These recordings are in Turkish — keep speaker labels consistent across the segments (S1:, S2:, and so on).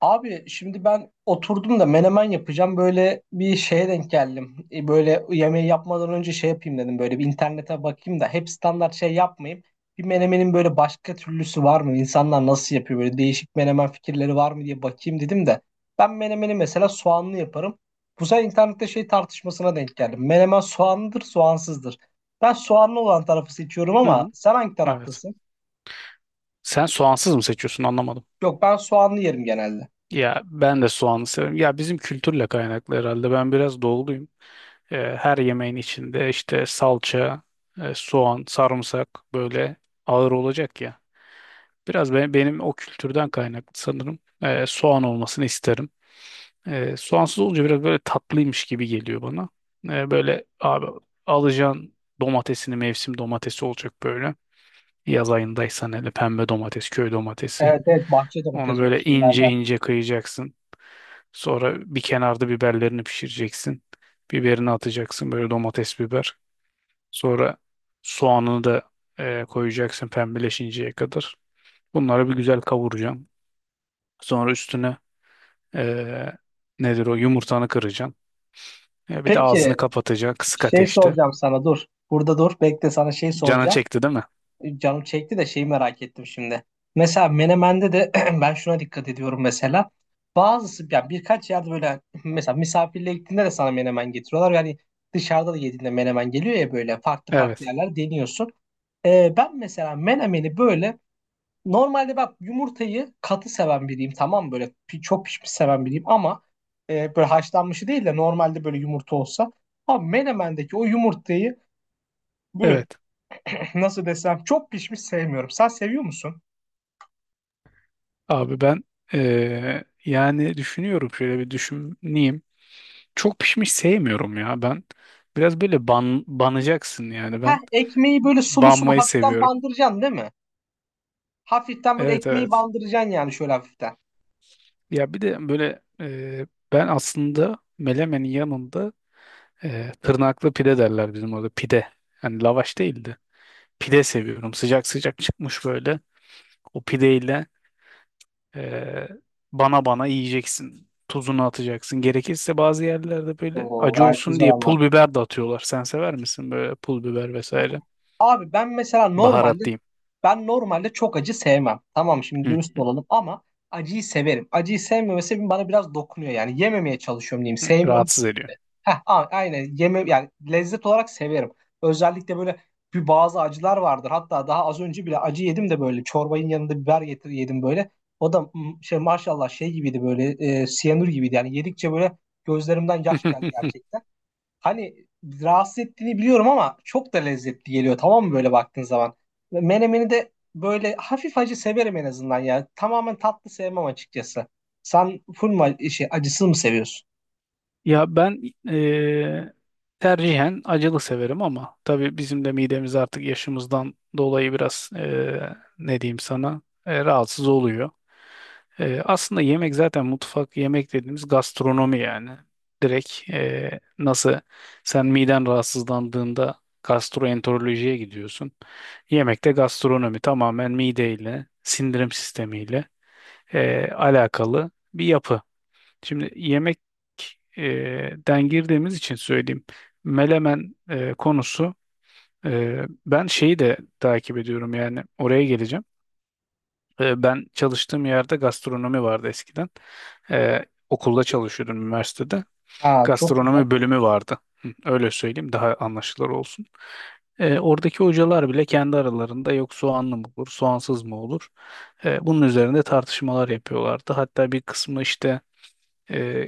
S1: Abi şimdi ben oturdum da menemen yapacağım. Böyle bir şeye denk geldim. Böyle yemeği yapmadan önce şey yapayım dedim. Böyle bir internete bakayım da hep standart şey yapmayayım. Bir menemenin böyle başka türlüsü var mı? İnsanlar nasıl yapıyor? Böyle değişik menemen fikirleri var mı diye bakayım dedim de. Ben menemeni mesela soğanlı yaparım. Bu sefer internette şey tartışmasına denk geldim. Menemen soğanlıdır, soğansızdır. Ben soğanlı olan tarafı seçiyorum
S2: Hı
S1: ama
S2: hı,
S1: sen hangi
S2: evet.
S1: taraftasın?
S2: Sen soğansız mı seçiyorsun anlamadım.
S1: Yok, ben soğanlı yerim genelde.
S2: Ya ben de soğanı severim. Ya bizim kültürle kaynaklı herhalde. Ben biraz doğuluyum. Her yemeğin içinde işte salça, soğan, sarımsak böyle ağır olacak ya. Benim o kültürden kaynaklı sanırım. Soğan olmasını isterim. Soğansız olunca biraz böyle tatlıymış gibi geliyor bana. Böyle abi alacaksın, domatesini mevsim domatesi olacak böyle. Yaz ayındaysan hele pembe domates, köy domatesi.
S1: Evet, evet, bahçe
S2: Onu
S1: domatesi o
S2: böyle ince
S1: şeylerden.
S2: ince kıyacaksın. Sonra bir kenarda biberlerini pişireceksin. Biberini atacaksın böyle, domates biber. Sonra soğanını da koyacaksın pembeleşinceye kadar. Bunları bir güzel kavuracaksın. Sonra üstüne e, nedir o, yumurtanı kıracaksın. E, bir de
S1: Peki,
S2: ağzını kapatacaksın kısık
S1: şey
S2: ateşte.
S1: soracağım sana, dur. Burada dur. Bekle, sana şey
S2: Canın
S1: soracağım.
S2: çekti değil mi?
S1: Canım çekti de şeyi merak ettim şimdi. Mesela Menemen'de de ben şuna dikkat ediyorum mesela. Bazısı yani birkaç yerde böyle mesela misafirliğe gittiğinde de sana menemen getiriyorlar. Yani dışarıda da yediğinde menemen geliyor ya, böyle farklı farklı
S2: Evet.
S1: yerler deniyorsun. Ben mesela menemeni böyle normalde, bak, yumurtayı katı seven biriyim, tamam mı? Böyle çok pişmiş seven biriyim ama böyle haşlanmışı değil de normalde böyle yumurta olsa. Ama menemendeki o yumurtayı böyle,
S2: Evet.
S1: nasıl desem, çok pişmiş sevmiyorum. Sen seviyor musun?
S2: Abi ben yani düşünüyorum, şöyle bir düşüneyim. Çok pişmiş sevmiyorum ya ben. Biraz böyle banacaksın yani
S1: Heh,
S2: ben.
S1: ekmeği böyle sulu sulu
S2: Banmayı
S1: hafiften
S2: seviyorum.
S1: bandıracaksın değil mi? Hafiften böyle
S2: Evet,
S1: ekmeği
S2: evet.
S1: bandıracaksın yani, şöyle hafiften.
S2: Ya bir de böyle ben aslında melemenin yanında tırnaklı pide derler bizim orada, pide. Yani lavaş değildi. Pide seviyorum. Sıcak sıcak çıkmış böyle. O pideyle e, bana bana yiyeceksin. Tuzunu atacaksın. Gerekirse bazı yerlerde böyle
S1: Oo,
S2: acı
S1: gayet
S2: olsun
S1: güzel
S2: diye
S1: anlat.
S2: pul biber de atıyorlar. Sen sever misin böyle pul biber vesaire?
S1: Abi ben mesela normalde,
S2: Baharat diyeyim.
S1: ben normalde çok acı sevmem. Tamam, şimdi dürüst olalım, ama acıyı severim. Acıyı sevmemesi bana biraz dokunuyor yani. Yememeye çalışıyorum diyeyim.
S2: Hı,
S1: Sevmiyorum.
S2: rahatsız ediyor.
S1: Heh, aynen, yeme yani, lezzet olarak severim. Özellikle böyle bir bazı acılar vardır. Hatta daha az önce bile acı yedim de, böyle çorbanın yanında biber getir, yedim böyle. O da şey, maşallah şey gibiydi, böyle siyanür gibiydi. Yani yedikçe böyle gözlerimden yaş geldi gerçekten. Hani rahatsız ettiğini biliyorum ama çok da lezzetli geliyor, tamam mı, böyle baktığın zaman. Ve menemeni de böyle hafif acı severim en azından yani. Tamamen tatlı sevmem açıkçası. Sen full mu şey, acısız mı seviyorsun?
S2: Ya ben eee, tercihen acılı severim ama tabii bizim de midemiz artık yaşımızdan dolayı biraz ne diyeyim sana, rahatsız oluyor. Aslında yemek zaten, mutfak yemek dediğimiz gastronomi yani. Direkt nasıl, sen miden rahatsızlandığında gastroenterolojiye gidiyorsun. Yemekte gastronomi tamamen mideyle, sindirim sistemiyle alakalı bir yapı. Şimdi yemek e, den girdiğimiz için söyleyeyim. Melemen konusu, ben şeyi de takip ediyorum yani, oraya geleceğim. E, ben çalıştığım yerde gastronomi vardı eskiden. E, okulda çalışıyordum, üniversitede.
S1: Ha, çok güzel.
S2: Gastronomi bölümü vardı. Hı, öyle söyleyeyim daha anlaşılır olsun. E, oradaki hocalar bile kendi aralarında, yok soğanlı mı olur, soğansız mı olur? E, bunun üzerinde tartışmalar yapıyorlardı. Hatta bir kısmı işte e,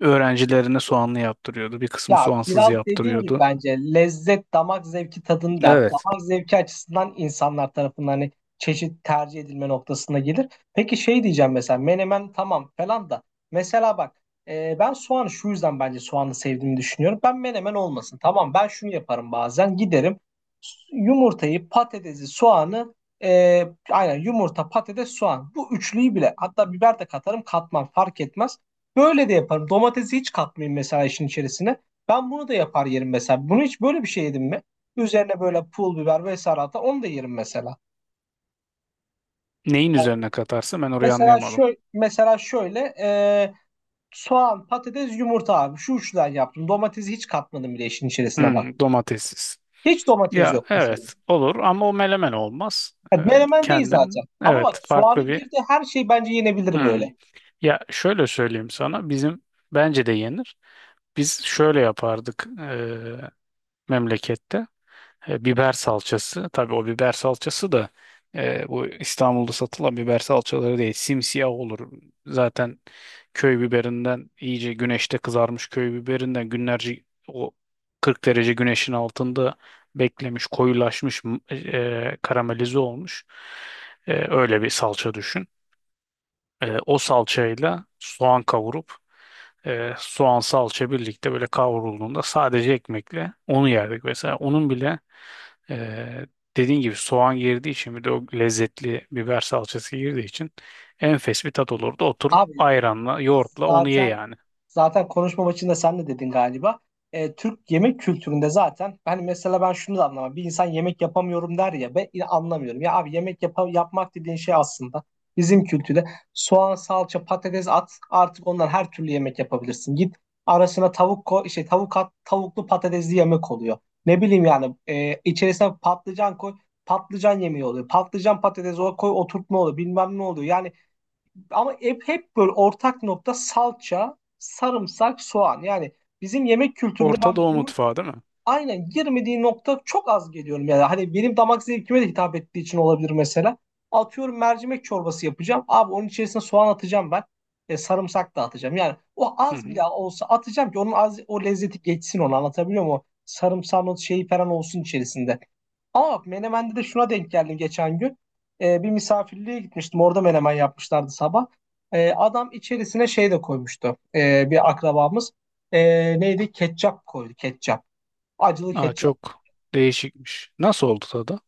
S2: öğrencilerine soğanlı yaptırıyordu. Bir kısmı
S1: Ya
S2: soğansız
S1: biraz dediğim gibi,
S2: yaptırıyordu.
S1: bence lezzet damak zevki tadını der.
S2: Evet.
S1: Damak zevki açısından insanlar tarafından hani çeşit tercih edilme noktasına gelir. Peki, şey diyeceğim, mesela menemen tamam falan da, mesela bak, ben soğanı şu yüzden, bence soğanı sevdiğimi düşünüyorum. Ben menemen olmasın, tamam, ben şunu yaparım, bazen giderim, yumurtayı, patatesi, soğanı, e, aynen, yumurta, patates, soğan, bu üçlüyü bile, hatta biber de katarım, katmam fark etmez. Böyle de yaparım. Domatesi hiç katmayayım mesela işin içerisine. Ben bunu da yapar yerim mesela. Bunu hiç böyle bir şey yedim mi? Üzerine böyle pul biber vesaire atar. Onu da yerim mesela.
S2: Neyin
S1: Yani,
S2: üzerine katarsa, ben orayı
S1: mesela
S2: anlayamadım.
S1: şöyle, mesela şöyle, soğan, patates, yumurta abi. Şu üçten yaptım. Domatesi hiç katmadım bile işin içerisine, bak.
S2: Hmm, domatessiz.
S1: Hiç domates
S2: Ya
S1: yok mesela.
S2: evet, olur ama o melemen olmaz.
S1: Yani menemen değil zaten.
S2: Kendin,
S1: Ama bak,
S2: evet, farklı
S1: soğanın
S2: bir.
S1: girdiği her şey bence yenebilir
S2: Hmm.
S1: böyle.
S2: Ya şöyle söyleyeyim sana, bizim, bence de yenir. Biz şöyle yapardık memlekette. E, biber salçası. Tabii o biber salçası da bu İstanbul'da satılan biber salçaları değil. Simsiyah olur. Zaten köy biberinden iyice güneşte kızarmış köy biberinden günlerce o 40 derece güneşin altında beklemiş, koyulaşmış, karamelize olmuş. E, öyle bir salça düşün. E, o salçayla soğan kavurup soğan salça birlikte böyle kavrulduğunda sadece ekmekle onu yerdik mesela. Onun bile ee, dediğin gibi soğan girdiği için, bir de o lezzetli biber salçası girdiği için enfes bir tat olurdu. Otur
S1: Abi
S2: ayranla, yoğurtla onu ye
S1: zaten,
S2: yani.
S1: zaten konuşma maçında sen de dedin galiba. Türk yemek kültüründe zaten, hani mesela ben şunu da anlamam. Bir insan "yemek yapamıyorum" der ya, ben yine anlamıyorum. Ya abi, yemek yapmak dediğin şey aslında bizim kültürde, soğan, salça, patates at, artık ondan her türlü yemek yapabilirsin. Git, arasına tavuk koy, şey, tavuk at, tavuklu patatesli yemek oluyor. Ne bileyim yani, içerisine patlıcan koy, patlıcan yemeği oluyor. Patlıcan, patates, o koy, oturtma oluyor, bilmem ne oluyor. Yani, ama hep böyle ortak nokta salça, sarımsak, soğan. Yani bizim yemek kültüründe
S2: Orta
S1: ben
S2: Doğu
S1: bunun
S2: mutfağı değil mi?
S1: aynen girmediği nokta çok az geliyorum. Yani hani benim damak zevkime de hitap ettiği için olabilir mesela. Atıyorum mercimek çorbası yapacağım. Abi, onun içerisine soğan atacağım ben. Sarımsak da atacağım. Yani o
S2: Hı
S1: az
S2: hı.
S1: bile olsa atacağım ki, onun az, o lezzeti geçsin, onu anlatabiliyor muyum? O sarımsağın o şeyi falan olsun içerisinde. Ama Menemen'de de şuna denk geldim geçen gün. Bir misafirliğe gitmiştim. Orada menemen yapmışlardı sabah. Adam içerisine şey de koymuştu. Bir akrabamız. Neydi? Ketçap koydu. Ketçap. Acılı
S2: Aa,
S1: ketçap.
S2: çok değişikmiş. Nasıl oldu tadı?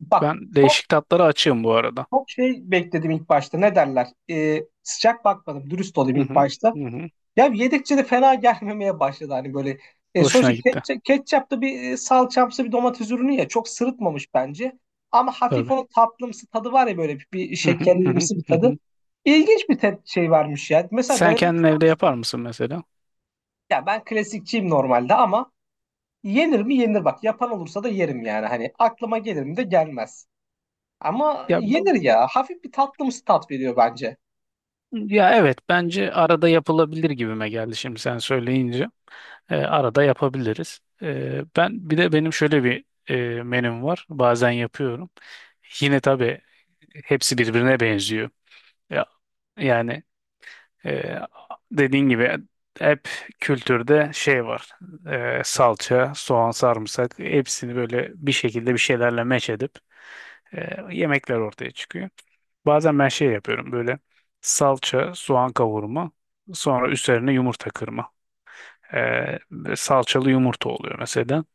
S1: Bak,
S2: Ben
S1: çok
S2: değişik tatlara açığım bu arada.
S1: çok şey bekledim ilk başta. Ne derler? Sıcak bakmadım. Dürüst olayım
S2: Hı
S1: ilk
S2: hı.
S1: başta.
S2: Hı hı.
S1: Ya yedikçe de fena gelmemeye başladı hani böyle. Sonuçta
S2: Hoşuna gitti.
S1: ketçap, ketçap da bir salçamsı bir domates ürünü ya, çok sırıtmamış bence. Ama hafif
S2: Tabii.
S1: o tatlımsı tadı var ya, böyle bir
S2: Hı hı. Hı hı.
S1: şekerlimsi bir
S2: Hı
S1: tadı.
S2: hı.
S1: İlginç bir şey vermiş ya. Mesela
S2: Sen
S1: denemek
S2: kendin
S1: ister
S2: evde
S1: misin
S2: yapar
S1: onu?
S2: mısın mesela?
S1: Ya ben klasikçiyim normalde ama, yenir mi yenir bak. Yapan olursa da yerim yani, hani aklıma gelir mi de, gelmez. Ama
S2: Ya,
S1: yenir ya. Hafif bir tatlımsı tat veriyor bence.
S2: ya, evet bence arada yapılabilir gibime geldi şimdi sen söyleyince. E, arada yapabiliriz. E, ben bir de, benim şöyle bir menüm var. Bazen yapıyorum. Yine tabii hepsi birbirine benziyor. Ya, yani e, dediğin gibi hep kültürde şey var. E, salça, soğan, sarımsak, hepsini böyle bir şekilde bir şeylerle meç edip yemekler ortaya çıkıyor. Bazen ben şey yapıyorum, böyle salça, soğan kavurma, sonra üzerine yumurta kırma. Ee, Salçalı yumurta oluyor mesela.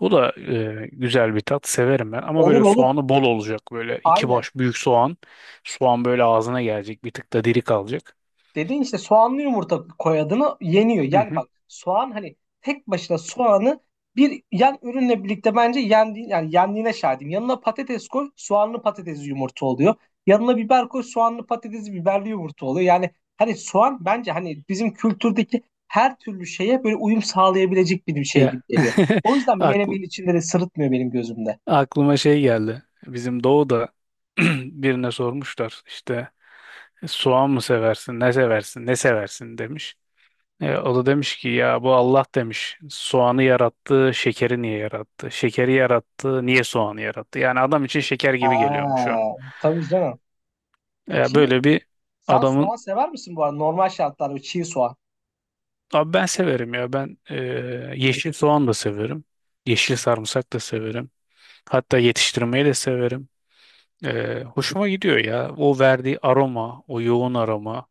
S2: O da güzel bir tat. Severim ben. Ama
S1: Olur
S2: böyle
S1: olur.
S2: soğanı bol olacak. Böyle iki
S1: Aynen.
S2: baş büyük soğan. Soğan böyle ağzına gelecek. Bir tık da diri kalacak.
S1: Dediğin işte, soğanlı yumurta koyadığını yeniyor.
S2: Hı
S1: Yani
S2: hı.
S1: bak, soğan hani tek başına, soğanı bir yan ürünle birlikte bence yendi, yani yendiğine şahidim. Yanına patates koy, soğanlı patatesli yumurta oluyor. Yanına biber koy, soğanlı patatesli biberli yumurta oluyor. Yani hani soğan bence hani bizim kültürdeki her türlü şeye böyle uyum sağlayabilecek bir şey
S2: Ya
S1: gibi geliyor. O yüzden
S2: akl-
S1: menemenin içinde de sırıtmıyor benim gözümde.
S2: aklıma şey geldi. Bizim Doğu'da birine sormuşlar, işte soğan mı seversin, ne seversin, ne seversin demiş. E, o da demiş ki, ya bu Allah demiş soğanı yarattı, şekeri niye yarattı? Şekeri yarattı, niye soğanı yarattı? Yani adam için şeker gibi geliyormuş o.
S1: Aa, tabii canım.
S2: E,
S1: Ki
S2: böyle bir
S1: sen
S2: adamın.
S1: soğan sever misin bu arada? Normal şartlarda, çiğ soğan.
S2: Abi ben severim ya ben, yeşil soğan da severim. Yeşil sarımsak da severim. Hatta yetiştirmeyi de severim. E, hoşuma gidiyor ya o verdiği aroma, o yoğun aroma.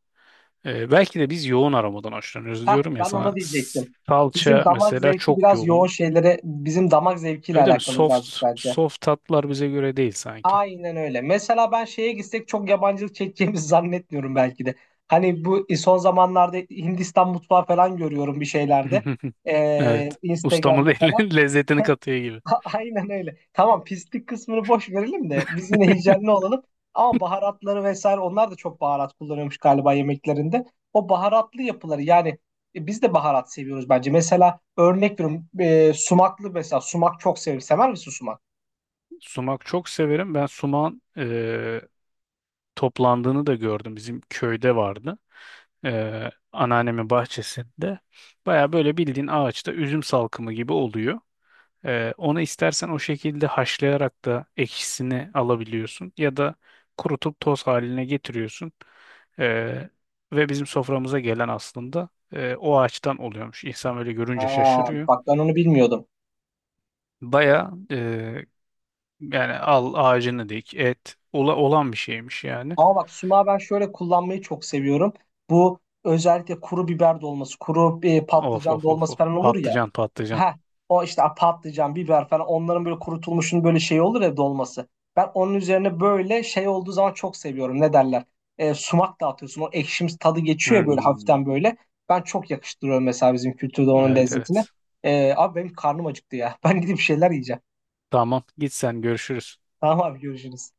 S2: E, belki de biz yoğun aromadan hoşlanıyoruz
S1: Heh,
S2: diyorum ya
S1: ben ona
S2: sana.
S1: diyecektim. Bizim
S2: Salça
S1: damak
S2: mesela
S1: zevki
S2: çok
S1: biraz yoğun
S2: yoğun.
S1: şeylere, bizim damak zevkiyle
S2: Öyle mi?
S1: alakalı birazcık
S2: Soft
S1: bence.
S2: soft tatlar bize göre değil sanki.
S1: Aynen öyle. Mesela ben şeye gitsek çok yabancılık çekeceğimizi zannetmiyorum belki de. Hani bu son zamanlarda Hindistan mutfağı falan görüyorum bir şeylerde.
S2: Evet. Ustamız
S1: Instagram'da falan.
S2: elinin lezzetini katıyor gibi.
S1: Aynen öyle. Tamam, pislik kısmını boş verelim de biz yine hijyenli olalım. Ama baharatları vesaire, onlar da çok baharat kullanıyormuş galiba yemeklerinde. O baharatlı yapıları yani, biz de baharat seviyoruz bence. Mesela örnek veriyorum, sumaklı, mesela sumak çok severim. Sever misin sumak?
S2: Sumak çok severim. Ben sumağın toplandığını da gördüm. Bizim köyde vardı. Anneannemin bahçesinde. Baya böyle bildiğin ağaçta üzüm salkımı gibi oluyor. Onu istersen o şekilde haşlayarak da ekşisini alabiliyorsun ya da kurutup toz haline getiriyorsun. Ee, Ve bizim soframıza gelen aslında o ağaçtan oluyormuş. İnsan böyle
S1: Ha,
S2: görünce şaşırıyor.
S1: bak, ben onu bilmiyordum.
S2: Baya yani al ağacını dik, olan bir şeymiş yani.
S1: Ama bak, sumağı ben şöyle kullanmayı çok seviyorum. Bu özellikle kuru biber dolması, kuru
S2: Of
S1: patlıcan
S2: of of
S1: dolması
S2: of,
S1: falan olur ya.
S2: patlıcan patlıcan.
S1: Ha, o işte patlıcan, biber falan, onların böyle kurutulmuşun böyle şey olur ya, dolması. Ben onun üzerine böyle şey olduğu zaman çok seviyorum. Ne derler? Sumak dağıtıyorsun. O ekşimsi tadı geçiyor ya, böyle
S2: Hmm.
S1: hafiften böyle. Ben çok yakıştırıyorum mesela bizim kültürde onun
S2: Evet,
S1: lezzetine.
S2: evet.
S1: Abi benim karnım acıktı ya. Ben gidip bir şeyler yiyeceğim.
S2: Tamam. Git sen, görüşürüz.
S1: Tamam abi, görüşürüz.